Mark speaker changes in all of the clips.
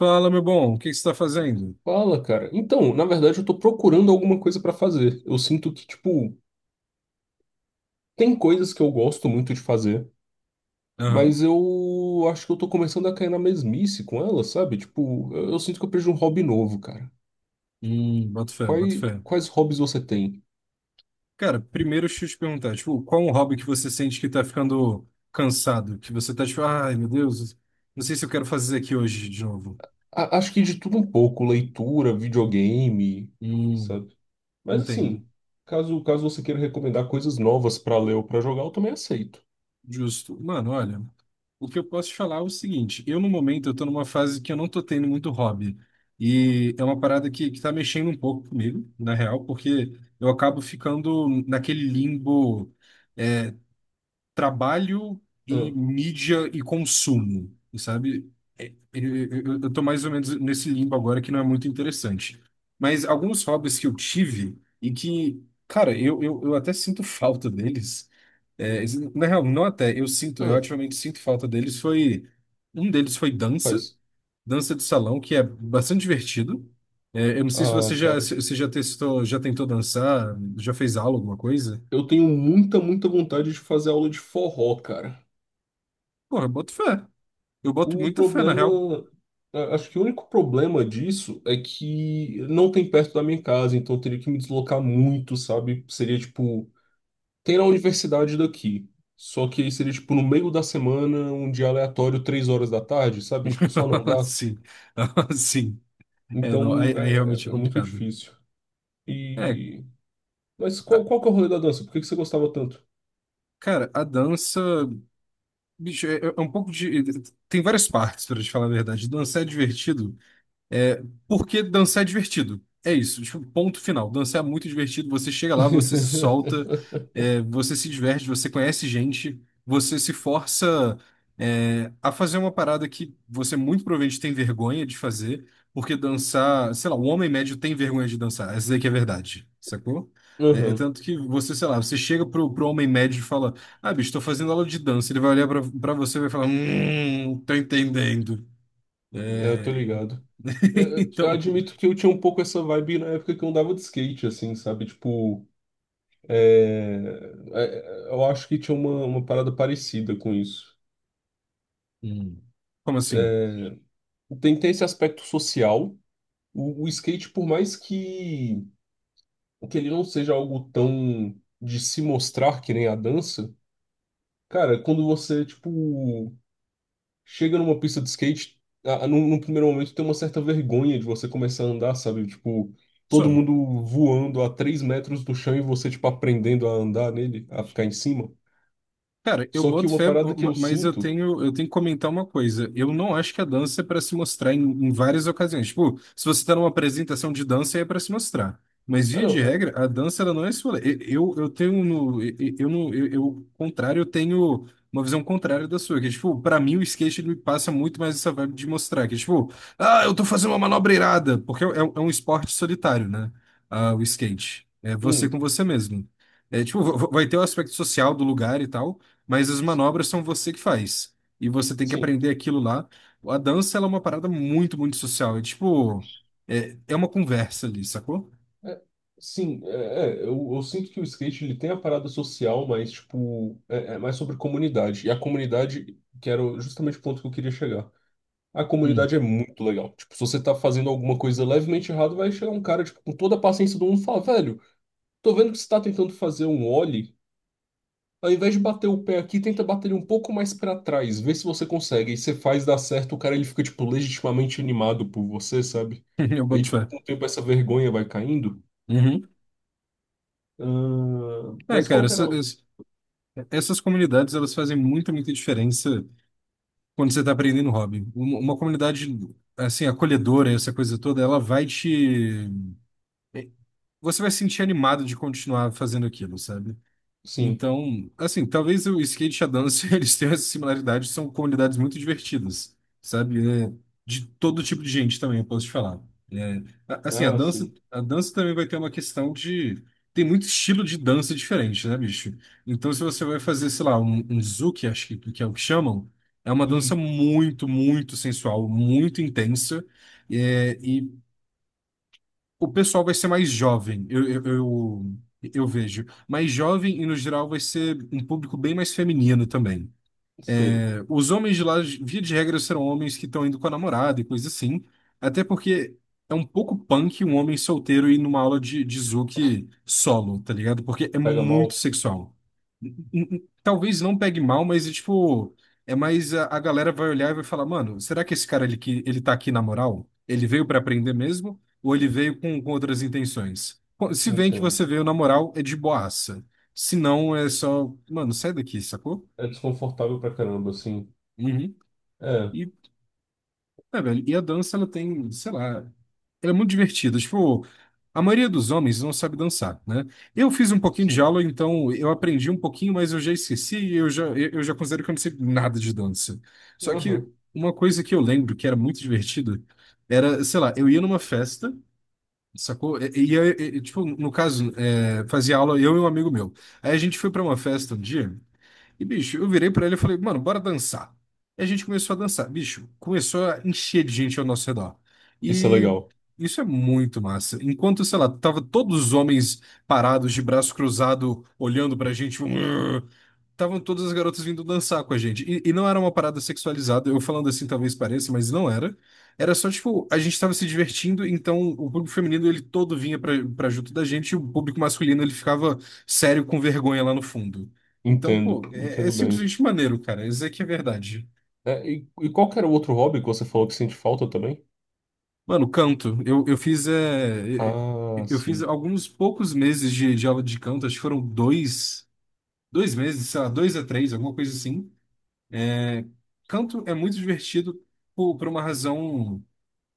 Speaker 1: Fala, meu bom, o que que você está fazendo?
Speaker 2: Fala, cara. Então, na verdade, eu tô procurando alguma coisa pra fazer. Eu sinto que, tipo, tem coisas que eu gosto muito de fazer,
Speaker 1: Aham.
Speaker 2: mas eu acho que eu tô começando a cair na mesmice com ela, sabe? Tipo, eu sinto que eu perdi um hobby novo, cara.
Speaker 1: Boto fé, boto
Speaker 2: Quais,
Speaker 1: fé.
Speaker 2: quais hobbies você tem?
Speaker 1: Cara, primeiro deixa eu te perguntar, tipo, qual é um hobby que você sente que tá ficando cansado? Que você tá tipo, ai, meu Deus, não sei se eu quero fazer aqui hoje de novo.
Speaker 2: Acho que de tudo um pouco, leitura, videogame,
Speaker 1: Hum,
Speaker 2: sabe? Mas
Speaker 1: entendo.
Speaker 2: assim, caso você queira recomendar coisas novas pra ler ou pra jogar, eu também aceito.
Speaker 1: Justo. Mano, olha, o que eu posso te falar é o seguinte, eu no momento eu tô numa fase que eu não tô tendo muito hobby. E é uma parada que tá mexendo um pouco comigo, na real, porque eu acabo ficando naquele limbo trabalho e
Speaker 2: Ah,
Speaker 1: mídia e consumo, sabe? Eu tô mais ou menos nesse limbo agora que não é muito interessante. Mas alguns hobbies que eu tive e que, cara, eu até sinto falta deles. É, Na real, não até, eu
Speaker 2: ah,
Speaker 1: ativamente sinto falta deles. Um deles foi dança,
Speaker 2: faz.
Speaker 1: dança de salão, que é bastante divertido. Eu não sei se você
Speaker 2: Ah,
Speaker 1: já,
Speaker 2: cara.
Speaker 1: se você já testou, já tentou dançar, já fez aula, alguma coisa.
Speaker 2: Eu tenho muita, muita vontade de fazer aula de forró, cara.
Speaker 1: Porra, eu boto fé. Eu boto
Speaker 2: O
Speaker 1: muita fé, na real.
Speaker 2: problema, acho que o único problema disso é que não tem perto da minha casa, então eu teria que me deslocar muito, sabe? Seria tipo, tem na universidade daqui. Só que aí seria tipo no meio da semana, um dia aleatório, 3 horas da tarde, sabe? Tipo, só não dá.
Speaker 1: Sim, sim. Não,
Speaker 2: Então
Speaker 1: aí
Speaker 2: é,
Speaker 1: realmente
Speaker 2: é-
Speaker 1: é
Speaker 2: é muito
Speaker 1: complicado.
Speaker 2: difícil.
Speaker 1: É,
Speaker 2: E mas
Speaker 1: a-
Speaker 2: qual que é o rolê da dança? Por que que você gostava tanto?
Speaker 1: Cara, a dança, bicho, é um pouco de. Tem várias partes, pra te falar a verdade. Dançar é divertido. É, Porque dançar é divertido. É isso, tipo, ponto final. Dançar é muito divertido. Você chega lá, você se solta, você se diverte, você conhece gente, você se força, a fazer uma parada que você muito provavelmente tem vergonha de fazer, porque dançar, sei lá, o homem médio tem vergonha de dançar. Essa aí que é a verdade, sacou? É
Speaker 2: Aham,
Speaker 1: tanto que você, sei lá, você chega pro homem médio e fala: Ah, bicho, tô fazendo aula de dança. Ele vai olhar pra você e vai falar: tô entendendo.
Speaker 2: é, eu tô
Speaker 1: É,
Speaker 2: ligado. Eu
Speaker 1: Então,
Speaker 2: admito que eu tinha um pouco essa vibe na época que eu andava de skate, assim, sabe? Tipo, é, é, eu acho que tinha uma parada parecida com isso.
Speaker 1: Hum. Como assim?
Speaker 2: Tem esse aspecto social. O skate, por mais que ele não seja algo tão de se mostrar que nem a dança, cara, quando você, tipo, chega numa pista de skate, num primeiro momento tem uma certa vergonha de você começar a andar, sabe? Tipo, todo
Speaker 1: Só.
Speaker 2: mundo voando a 3 metros do chão e você, tipo, aprendendo a andar nele, a ficar em cima.
Speaker 1: Cara, eu
Speaker 2: Só que
Speaker 1: boto
Speaker 2: uma
Speaker 1: fé,
Speaker 2: parada que eu
Speaker 1: mas
Speaker 2: sinto.
Speaker 1: eu tenho que comentar uma coisa. Eu não acho que a dança é para se mostrar em, em várias ocasiões. Tipo, se você está numa apresentação de dança, aí é para se mostrar. Mas,
Speaker 2: Ah,
Speaker 1: via
Speaker 2: não,
Speaker 1: de
Speaker 2: mas.
Speaker 1: regra, a dança ela não é esse rolê. E- eu tenho, no, e- eu, no, eu, Contrário, eu tenho uma visão contrária da sua. Que, tipo, para mim, o skate ele me passa muito mais essa vibe de mostrar. Que, tipo, ah, eu tô fazendo uma manobra irada. Porque é, é um esporte solitário, né? Ah, o skate. É você com
Speaker 2: Hum,
Speaker 1: você mesmo. É, tipo, vai ter o aspecto social do lugar e tal, mas as manobras são você que faz. E você tem que
Speaker 2: sim.
Speaker 1: aprender aquilo lá. A dança, ela é uma parada muito, muito social. É tipo, é uma conversa ali, sacou?
Speaker 2: É, sim, eu sinto que o skate ele tem a parada social, mas, tipo, é mais sobre comunidade. E a comunidade, que era justamente o ponto que eu queria chegar. A
Speaker 1: Hum.
Speaker 2: comunidade é muito legal. Tipo, se você tá fazendo alguma coisa levemente errado, vai chegar um cara, tipo, com toda a paciência do mundo e falar, velho, tô vendo que você tá tentando fazer um ollie. Ao invés de bater o pé aqui, tenta bater ele um pouco mais pra trás, vê se você consegue. E você faz dar certo, o cara ele fica, tipo, legitimamente animado por você, sabe?
Speaker 1: Eu
Speaker 2: Aí,
Speaker 1: boto
Speaker 2: tipo,
Speaker 1: fé.
Speaker 2: com o tempo essa vergonha vai caindo.
Speaker 1: Uhum.
Speaker 2: Ah,
Speaker 1: É,
Speaker 2: mas
Speaker 1: cara,
Speaker 2: qual que era o.
Speaker 1: essas comunidades, elas fazem muita, muita diferença quando você tá aprendendo hobby. Uma comunidade, assim, acolhedora, essa coisa toda, ela vai te... é, Você vai se sentir animado de continuar fazendo aquilo, sabe?
Speaker 2: Sim.
Speaker 1: Então, assim, talvez o skate e a dança eles tenham essa similaridade, são comunidades muito divertidas, sabe? É, de todo tipo de gente também, eu posso te falar. É, assim,
Speaker 2: Ah, sim.
Speaker 1: a dança também vai ter uma questão de. Tem muito estilo de dança diferente, né, bicho? Então, se você vai fazer, sei lá, um zouk, acho que é o que chamam, é uma dança
Speaker 2: Isso,
Speaker 1: muito, muito sensual, muito intensa, o pessoal vai ser mais jovem, eu vejo. Mais jovem e, no geral, vai ser um público bem mais feminino também.
Speaker 2: sei.
Speaker 1: Os homens de lá, via de regra, serão homens que estão indo com a namorada e coisa assim. Até porque é um pouco punk um homem solteiro ir numa aula de Zouk solo, tá ligado? Porque é
Speaker 2: Pega
Speaker 1: muito
Speaker 2: mal?
Speaker 1: sexual. Talvez não pegue mal, mas é tipo, é mais a galera vai olhar e vai falar, mano, será que esse cara ele, ele tá aqui na moral? Ele veio pra aprender mesmo? Ou ele veio com outras intenções? Pô, se vem que
Speaker 2: Entendo.
Speaker 1: você veio na moral, é de boaça. Se não, é só, mano, sai daqui, sacou?
Speaker 2: É desconfortável pra caramba, assim.
Speaker 1: Uhum.
Speaker 2: É,
Speaker 1: E, Velho, e a dança, ela tem, sei lá, ela é muito divertido. Tipo, a maioria dos homens não sabe dançar, né? Eu fiz um pouquinho de
Speaker 2: sim.
Speaker 1: aula, então eu aprendi um pouquinho, mas eu já esqueci e eu já, eu já considero que eu não sei nada de dança. Só que
Speaker 2: Aham.
Speaker 1: uma coisa que eu lembro que era muito divertida era, sei lá, eu ia numa festa, sacou? E, tipo, no caso, fazia aula eu e um amigo meu. Aí a gente foi pra uma festa um dia e, bicho, eu virei pra ele e falei, mano, bora dançar. E a gente começou a dançar. Bicho, começou a encher de gente ao nosso redor.
Speaker 2: Isso é
Speaker 1: E
Speaker 2: legal.
Speaker 1: isso é muito massa. Enquanto, sei lá, tava todos os homens parados, de braço cruzado, olhando pra gente, "Urgh", estavam todas as garotas vindo dançar com a gente. E não era uma parada sexualizada, eu falando assim talvez pareça, mas não era. Era só, tipo, a gente tava se divertindo, então o público feminino, ele todo vinha pra junto da gente, e o público masculino, ele ficava sério com vergonha lá no fundo. Então,
Speaker 2: Entendo,
Speaker 1: pô, é, é
Speaker 2: entendo bem.
Speaker 1: simplesmente maneiro, cara. Isso aqui é verdade.
Speaker 2: É, e qual que era o outro hobby que você falou que sente falta também?
Speaker 1: Mano, canto.
Speaker 2: Ah,
Speaker 1: Eu fiz
Speaker 2: sim.
Speaker 1: alguns poucos meses de aula de canto, acho que foram 2 meses, sei lá, 2 a 3, alguma coisa assim. É, canto é muito divertido por uma razão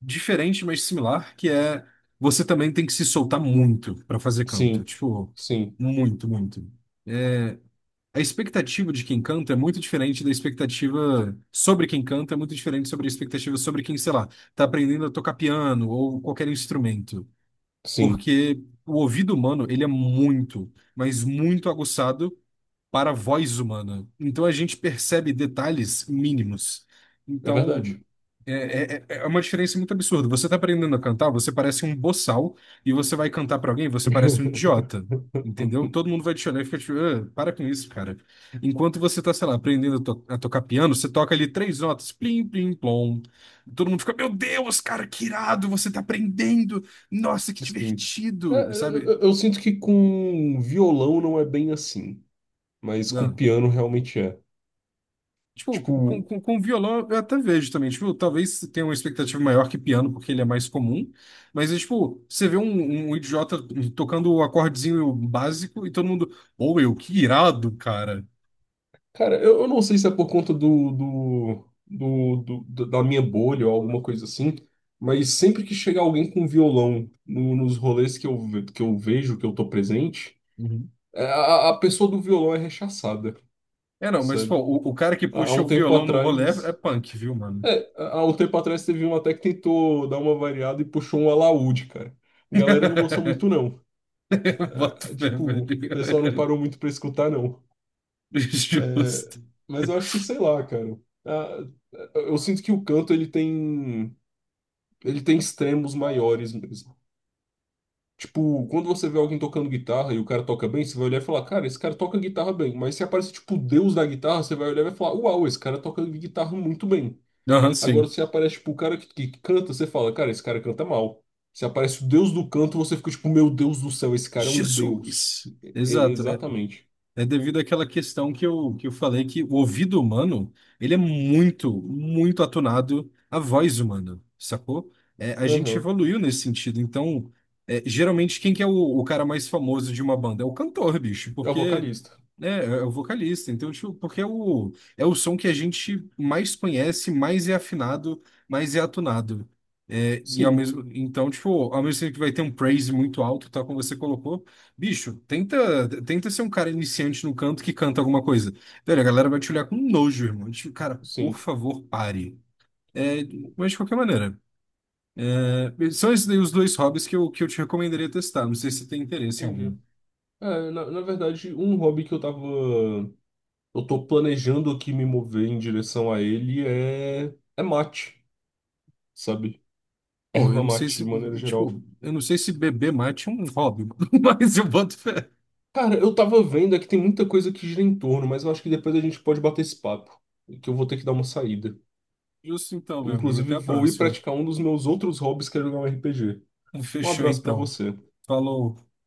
Speaker 1: diferente, mas similar, que é você também tem que se soltar muito para fazer canto.
Speaker 2: Sim,
Speaker 1: Tipo,
Speaker 2: sim,
Speaker 1: muito, muito. A expectativa de quem canta é muito diferente da expectativa sobre quem canta, é muito diferente sobre a expectativa sobre quem, sei lá, tá aprendendo a tocar piano ou qualquer instrumento.
Speaker 2: sim.
Speaker 1: Porque o ouvido humano, ele é muito, mas muito aguçado para a voz humana. Então a gente percebe detalhes mínimos.
Speaker 2: É verdade.
Speaker 1: Então é uma diferença muito absurda. Você está aprendendo a cantar, você parece um boçal, e você vai cantar para alguém, você parece um idiota. Entendeu? Todo mundo vai te olhar e fica tipo, "Ah, para com isso, cara." Enquanto você tá, sei lá, aprendendo a, a tocar piano, você toca ali três notas, plim, plim, plom. Todo mundo fica, meu Deus, cara, que irado, você tá aprendendo. Nossa, que
Speaker 2: Sim. É,
Speaker 1: divertido,
Speaker 2: eu,
Speaker 1: sabe?
Speaker 2: eu- eu sinto que com violão não é bem assim, mas com piano realmente é.
Speaker 1: Tipo,
Speaker 2: Tipo,
Speaker 1: com violão eu até vejo também. Tipo, talvez tenha uma expectativa maior que piano, porque ele é mais comum. Mas, é, tipo, você vê um, um idiota tocando o acordezinho básico e todo mundo, ou eu, que irado, cara.
Speaker 2: cara, eu não sei se é por conta da minha bolha ou alguma coisa assim, mas sempre que chega alguém com violão nos rolês que eu vejo, que eu tô presente,
Speaker 1: Uhum.
Speaker 2: a pessoa do violão é rechaçada,
Speaker 1: É, não, mas, pô,
Speaker 2: sabe?
Speaker 1: o cara que
Speaker 2: Há
Speaker 1: puxa
Speaker 2: um
Speaker 1: o
Speaker 2: tempo
Speaker 1: violão no rolê
Speaker 2: atrás.
Speaker 1: é punk, viu, mano?
Speaker 2: É, há um tempo atrás teve um até que tentou dar uma variada e puxou um alaúde, cara. A galera não gostou muito, não.
Speaker 1: Bota
Speaker 2: É,
Speaker 1: fé,
Speaker 2: tipo, o pessoal não
Speaker 1: velho.
Speaker 2: parou muito pra escutar, não. É,
Speaker 1: Justo.
Speaker 2: mas eu acho que, sei lá, cara. Ah, eu sinto que o canto ele tem, extremos maiores mesmo. Tipo, quando você vê alguém tocando guitarra e o cara toca bem, você vai olhar e falar, cara, esse cara toca guitarra bem. Mas se aparece, tipo, o deus da guitarra, você vai olhar e vai falar, uau, esse cara toca guitarra muito bem.
Speaker 1: Aham,
Speaker 2: Agora,
Speaker 1: sim.
Speaker 2: se aparece, tipo, o cara que canta, você fala, cara, esse cara canta mal. Se aparece o deus do canto, você fica, tipo, meu Deus do céu, esse cara é um deus.
Speaker 1: Jesus.
Speaker 2: E- e-
Speaker 1: Exato.
Speaker 2: exatamente.
Speaker 1: É devido àquela questão que eu falei que o ouvido humano, ele é muito, muito atunado à voz humana, sacou? É, a gente
Speaker 2: Aham.
Speaker 1: evoluiu nesse sentido. Então, é, geralmente, quem que é o cara mais famoso de uma banda? É o cantor, bicho,
Speaker 2: É o
Speaker 1: porque
Speaker 2: vocalista.
Speaker 1: né, é o vocalista. Então, tipo, porque é o, é o som que a gente mais conhece, mais é afinado, mais é atunado. É, e ao
Speaker 2: Sim,
Speaker 1: mesmo, então, tipo, ao mesmo tempo que vai ter um praise muito alto, tal como você colocou, bicho, tenta ser um cara iniciante no canto que canta alguma coisa. Velho, a galera vai te olhar com nojo, irmão. Tipo, cara, por
Speaker 2: sim.
Speaker 1: favor, pare. É, mas de qualquer maneira, é, são esses daí os dois hobbies que eu te recomendaria testar. Não sei se você tem interesse em algum.
Speaker 2: Entendi. É, na verdade, um hobby que eu tava. Eu tô planejando aqui me mover em direção a ele é. É mate, sabe?
Speaker 1: Pô, eu
Speaker 2: Erva
Speaker 1: não sei
Speaker 2: mate,
Speaker 1: se,
Speaker 2: de maneira geral.
Speaker 1: tipo, eu não sei se beber mate é um hobby, mas eu boto fé.
Speaker 2: Cara, eu tava vendo é que tem muita coisa que gira em torno, mas eu acho que depois a gente pode bater esse papo. Que eu vou ter que dar uma saída.
Speaker 1: Justo então, meu amigo. Até
Speaker 2: Inclusive,
Speaker 1: a
Speaker 2: vou ir
Speaker 1: próxima.
Speaker 2: praticar um dos meus outros hobbies, que é jogar um RPG. Um
Speaker 1: Fechou
Speaker 2: abraço pra
Speaker 1: então.
Speaker 2: você.
Speaker 1: Falou.